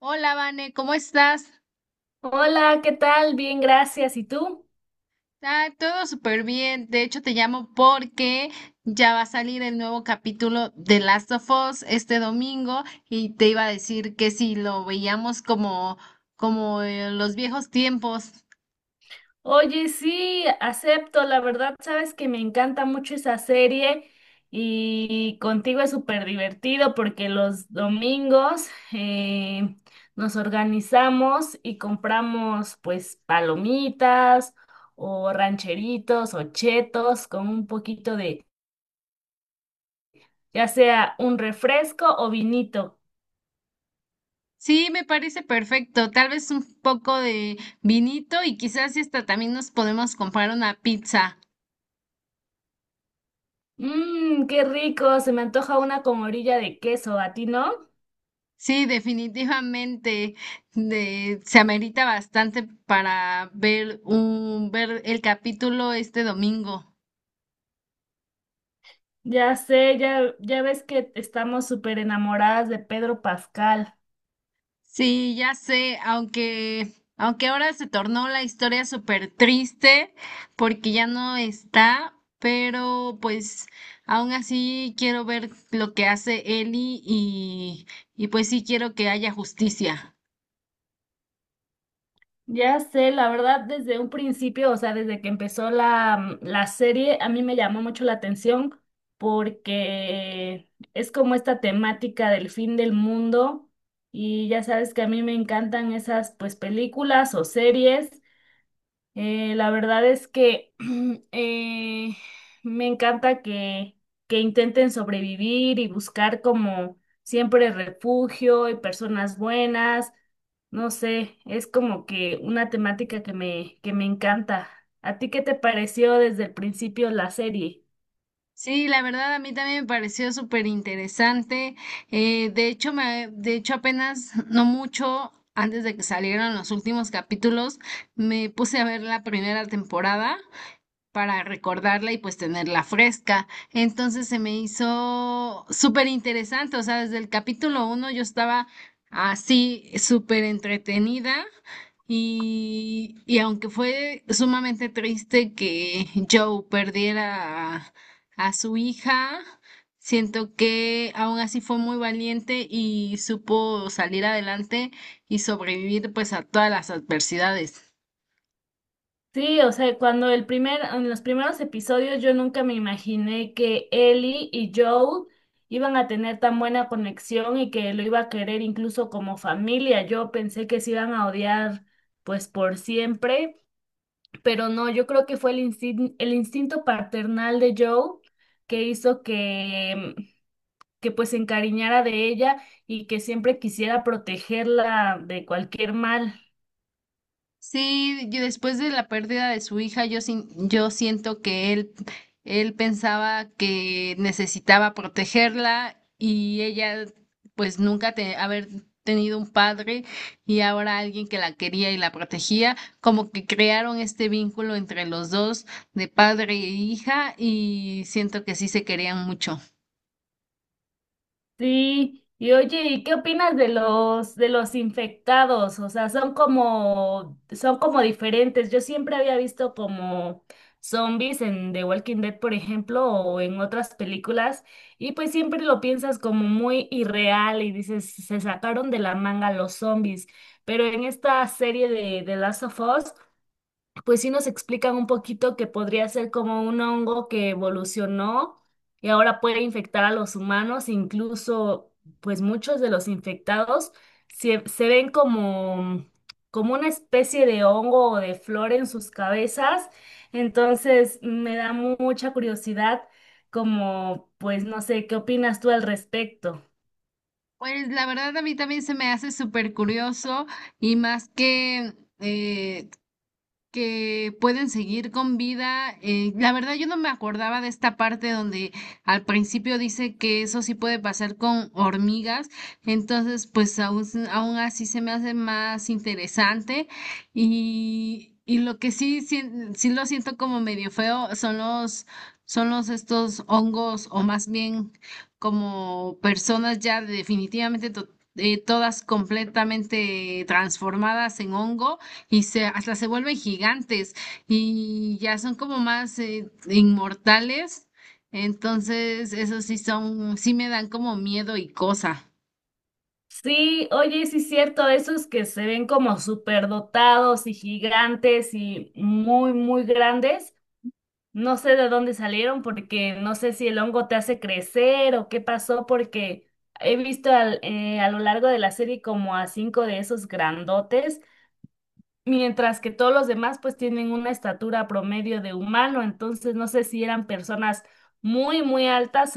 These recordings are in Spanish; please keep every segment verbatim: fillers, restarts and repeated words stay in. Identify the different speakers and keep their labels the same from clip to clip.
Speaker 1: Hola, Vane, ¿cómo estás?
Speaker 2: Hola, ¿qué tal? Bien, gracias. ¿Y tú?
Speaker 1: Ah, todo súper bien. De hecho, te llamo porque ya va a salir el nuevo capítulo de Last of Us este domingo y te iba a decir que si lo veíamos como, como en los viejos tiempos.
Speaker 2: Oye, sí, acepto. La verdad, sabes que me encanta mucho esa serie y contigo es súper divertido porque los domingos eh, nos organizamos y compramos pues palomitas o rancheritos o chetos con un poquito de, ya sea un refresco o vinito.
Speaker 1: Sí, me parece perfecto. Tal vez un poco de vinito y quizás y hasta también nos podemos comprar una pizza.
Speaker 2: Mmm, qué rico. Se me antoja una con orilla de queso. ¿A ti no?
Speaker 1: Sí, definitivamente de- se amerita bastante para ver un ver el capítulo este domingo.
Speaker 2: Ya sé, ya, ya ves que estamos súper enamoradas de Pedro Pascal.
Speaker 1: Sí, ya sé, aunque aunque ahora se tornó la historia súper triste porque ya no está, pero pues aún así quiero ver lo que hace Ellie y y pues sí quiero que haya justicia.
Speaker 2: Ya sé, la verdad, desde un principio, o sea, desde que empezó la, mm, la serie, a mí me llamó mucho la atención porque es como esta temática del fin del mundo y ya sabes que a mí me encantan esas pues películas o series. Eh, la verdad es que eh, me encanta que, que intenten sobrevivir y buscar como siempre refugio y personas buenas. No sé, es como que una temática que me, que me encanta. ¿A ti qué te pareció desde el principio la serie?
Speaker 1: Sí, la verdad a mí también me pareció súper interesante. Eh, de hecho, me, de hecho apenas no mucho antes de que salieran los últimos capítulos, me puse a ver la primera temporada para recordarla y pues tenerla fresca. Entonces se me hizo súper interesante, o sea, desde el capítulo uno yo estaba así súper entretenida y, y aunque fue sumamente triste que Joe perdiera a, a su hija, siento que aún así fue muy valiente y supo salir adelante y sobrevivir pues a todas las adversidades.
Speaker 2: Sí, o sea, cuando el primer, en los primeros episodios yo nunca me imaginé que Ellie y Joel iban a tener tan buena conexión y que lo iba a querer incluso como familia. Yo pensé que se iban a odiar pues por siempre, pero no, yo creo que fue el instin- el instinto paternal de Joel que hizo que, que pues se encariñara de ella y que siempre quisiera protegerla de cualquier mal.
Speaker 1: Sí, y después de la pérdida de su hija, yo, sin- yo siento que él, él pensaba que necesitaba protegerla y ella pues nunca te, haber tenido un padre y ahora alguien que la quería y la protegía, como que crearon este vínculo entre los dos de padre e hija y siento que sí se querían mucho.
Speaker 2: Sí, y oye, ¿y qué opinas de los de los infectados? O sea, son como son como diferentes. Yo siempre había visto como zombies en The Walking Dead, por ejemplo, o en otras películas, y pues siempre lo piensas como muy irreal y dices, se sacaron de la manga los zombies. Pero en esta serie de The Last of Us pues sí nos explican un poquito que podría ser como un hongo que evolucionó y ahora puede infectar a los humanos, incluso pues muchos de los infectados se, se ven como, como una especie de hongo o de flor en sus cabezas, entonces me da mu- mucha curiosidad como pues no sé, ¿qué opinas tú al respecto?
Speaker 1: Pues la verdad a mí también se me hace súper curioso y más que... eh, que pueden seguir con vida. Eh, la verdad, yo no me acordaba de esta parte donde al principio dice que eso sí puede pasar con hormigas, entonces pues aún, aún así se me hace más interesante y, y lo que sí, sí, sí lo siento como medio feo son los, son los estos hongos o más bien como personas ya definitivamente to- eh, todas completamente transformadas en hongo y se, hasta se vuelven gigantes y ya son como más eh, inmortales. Entonces, eso sí son, sí me dan como miedo y cosa.
Speaker 2: Sí, oye, sí es cierto, esos que se ven como superdotados y gigantes y muy, muy grandes, no sé de dónde salieron porque no sé si el hongo te hace crecer o qué pasó porque he visto al- eh, a lo largo de la serie como a cinco de esos grandotes, mientras que todos los demás pues tienen una estatura promedio de humano, entonces no sé si eran personas muy, muy altas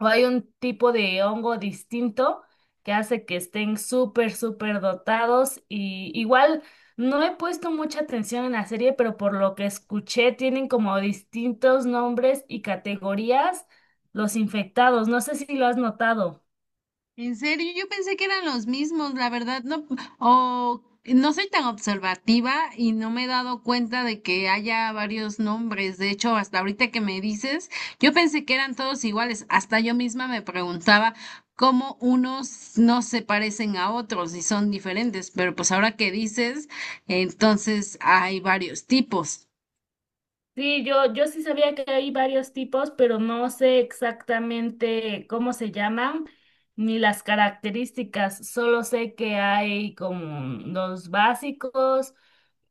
Speaker 2: o hay un tipo de hongo distinto que hace que estén súper, súper dotados y igual no he puesto mucha atención en la serie, pero por lo que escuché tienen como distintos nombres y categorías los infectados. No sé si lo has notado.
Speaker 1: En serio, yo pensé que eran los mismos, la verdad, no, o no soy tan observativa y no me he dado cuenta de que haya varios nombres. De hecho, hasta ahorita que me dices, yo pensé que eran todos iguales. Hasta yo misma me preguntaba cómo unos no se parecen a otros y son diferentes, pero pues ahora que dices, entonces hay varios tipos.
Speaker 2: Sí, yo, yo sí sabía que hay varios tipos, pero no sé exactamente cómo se llaman ni las características. Solo sé que hay como los básicos,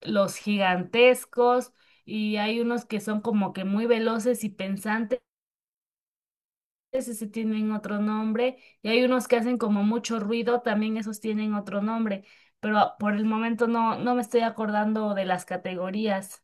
Speaker 2: los gigantescos y hay unos que son como que muy veloces y pensantes, ese tienen otro nombre, y hay unos que hacen como mucho ruido, también esos tienen otro nombre, pero por el momento no, no me estoy acordando de las categorías.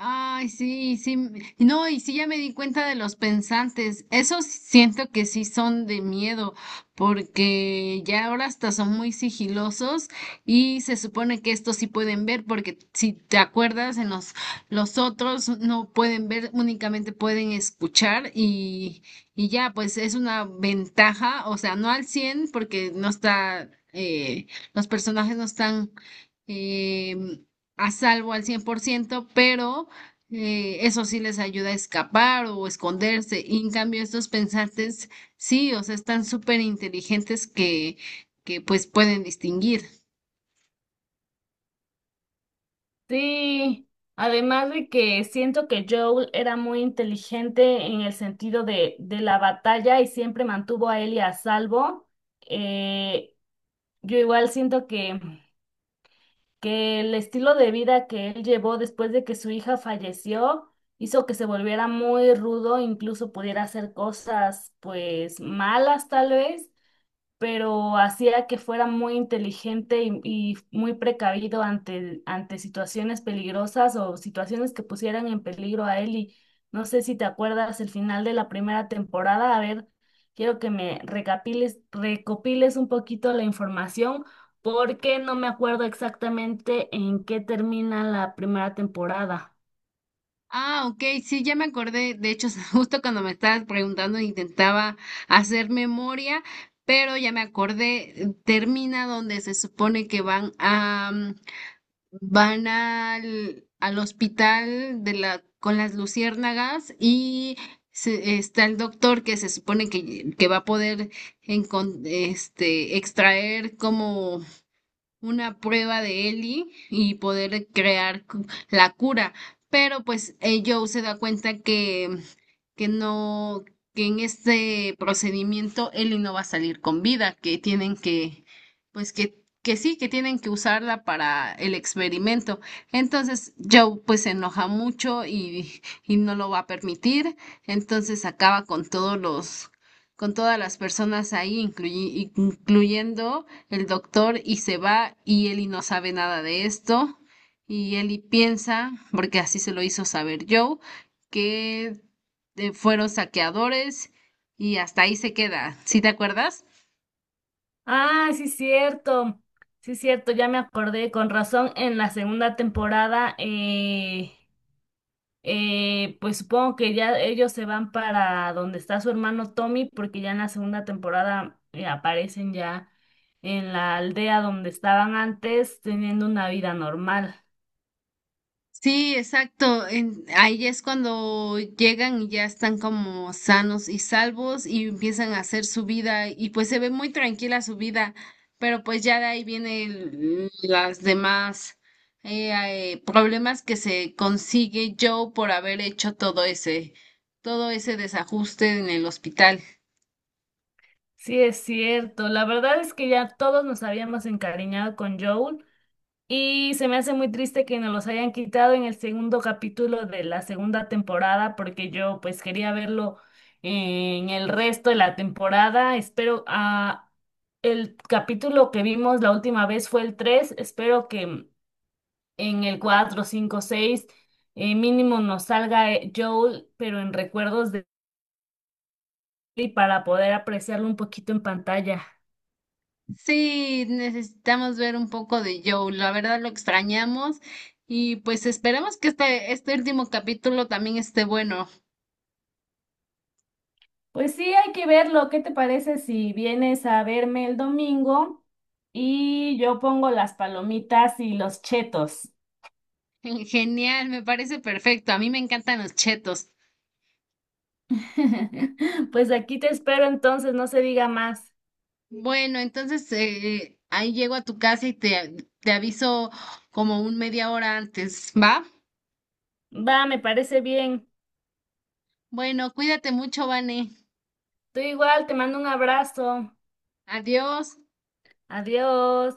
Speaker 1: Ay, sí, sí. m- No, y sí ya me di cuenta de los pensantes. Esos siento que sí son de miedo, porque ya ahora hasta son muy sigilosos y se supone que estos sí pueden ver, porque si te acuerdas, en los, los otros no pueden ver, únicamente pueden escuchar y, y ya, pues es una ventaja, o sea, no al cien porque no está, eh, los personajes no están em, a salvo al cien por ciento, pero eh, eso sí les ayuda a escapar o esconderse. Y en cambio estos pensantes, sí, o sea, están súper inteligentes que, que pues pueden distinguir.
Speaker 2: Sí, además de que siento que Joel era muy inteligente en el sentido de, de la batalla y siempre mantuvo a Ellie a salvo. Eh, yo igual siento que, que el estilo de vida que él llevó después de que su hija falleció hizo que se volviera muy rudo, incluso pudiera hacer cosas pues malas tal vez, pero hacía que fuera muy inteligente y, y muy precavido ante, ante situaciones peligrosas o situaciones que pusieran en peligro a él. Y no sé si te acuerdas el final de la primera temporada. A ver, quiero que me recapiles- recopiles un poquito la información porque no me acuerdo exactamente en qué termina la primera temporada.
Speaker 1: Ah, ok, sí, ya me acordé. De hecho, justo cuando me estabas preguntando, intentaba hacer memoria, pero ya me acordé, termina donde se supone que van a, Van al, al hospital de la, con las luciérnagas y se- está el doctor que se supone que, que va a poder encon- este, extraer como una prueba de Ellie y poder crear cu- la cura. Pero pues eh, Joe se da cuenta que, que no, que en este procedimiento Ellie no va a salir con vida, que tienen que, pues que, que sí, que tienen que usarla para el experimento. Entonces Joe pues se enoja mucho y, y no lo va a permitir. Entonces acaba con todos los, con todas las personas ahí, incluyi- incluyendo el doctor y se va y Ellie no sabe nada de esto y Ellie piensa, porque así se lo hizo saber Joe, que eh, fueron saqueadores y hasta ahí se queda. ¿Sí te acuerdas?
Speaker 2: Ah, sí, cierto. Sí, cierto, ya me acordé, con razón, en la segunda temporada eh, eh, pues supongo que ya ellos se van para donde está su hermano Tommy, porque ya en la segunda temporada eh, aparecen ya en la aldea donde estaban antes, teniendo una vida normal.
Speaker 1: Sí, exacto. en- ahí es cuando llegan y ya están como sanos y salvos y empiezan a hacer su vida y pues se ve muy tranquila su vida, pero pues ya de ahí vienen las demás eh, eh, problemas que se consigue Joe por haber hecho todo ese, todo ese desajuste en el hospital.
Speaker 2: Sí, es cierto. La verdad es que ya todos nos habíamos encariñado con Joel, y se me hace muy triste que nos los hayan quitado en el segundo capítulo de la segunda temporada, porque yo pues quería verlo en el resto de la temporada. Espero, a el capítulo que vimos la última vez fue el tres. Espero que en el cuatro, cinco, seis, eh, mínimo nos salga eh, Joel, pero en recuerdos de y para poder apreciarlo un poquito en pantalla.
Speaker 1: Sí, necesitamos ver un poco de Joe. La verdad lo extrañamos y pues esperemos que este, este último capítulo también esté bueno.
Speaker 2: Pues sí, hay que verlo. ¿Qué te parece si vienes a verme el domingo y yo pongo las palomitas y los chetos?
Speaker 1: Genial, me parece perfecto. A mí me encantan los chetos.
Speaker 2: Pues aquí te espero entonces, no se diga más.
Speaker 1: Bueno, entonces eh, ahí llego a tu casa y te, te aviso como un media hora antes, ¿va?
Speaker 2: Va, me parece bien.
Speaker 1: Bueno, cuídate mucho, Vane.
Speaker 2: Tú igual, te mando un abrazo.
Speaker 1: Adiós.
Speaker 2: Adiós.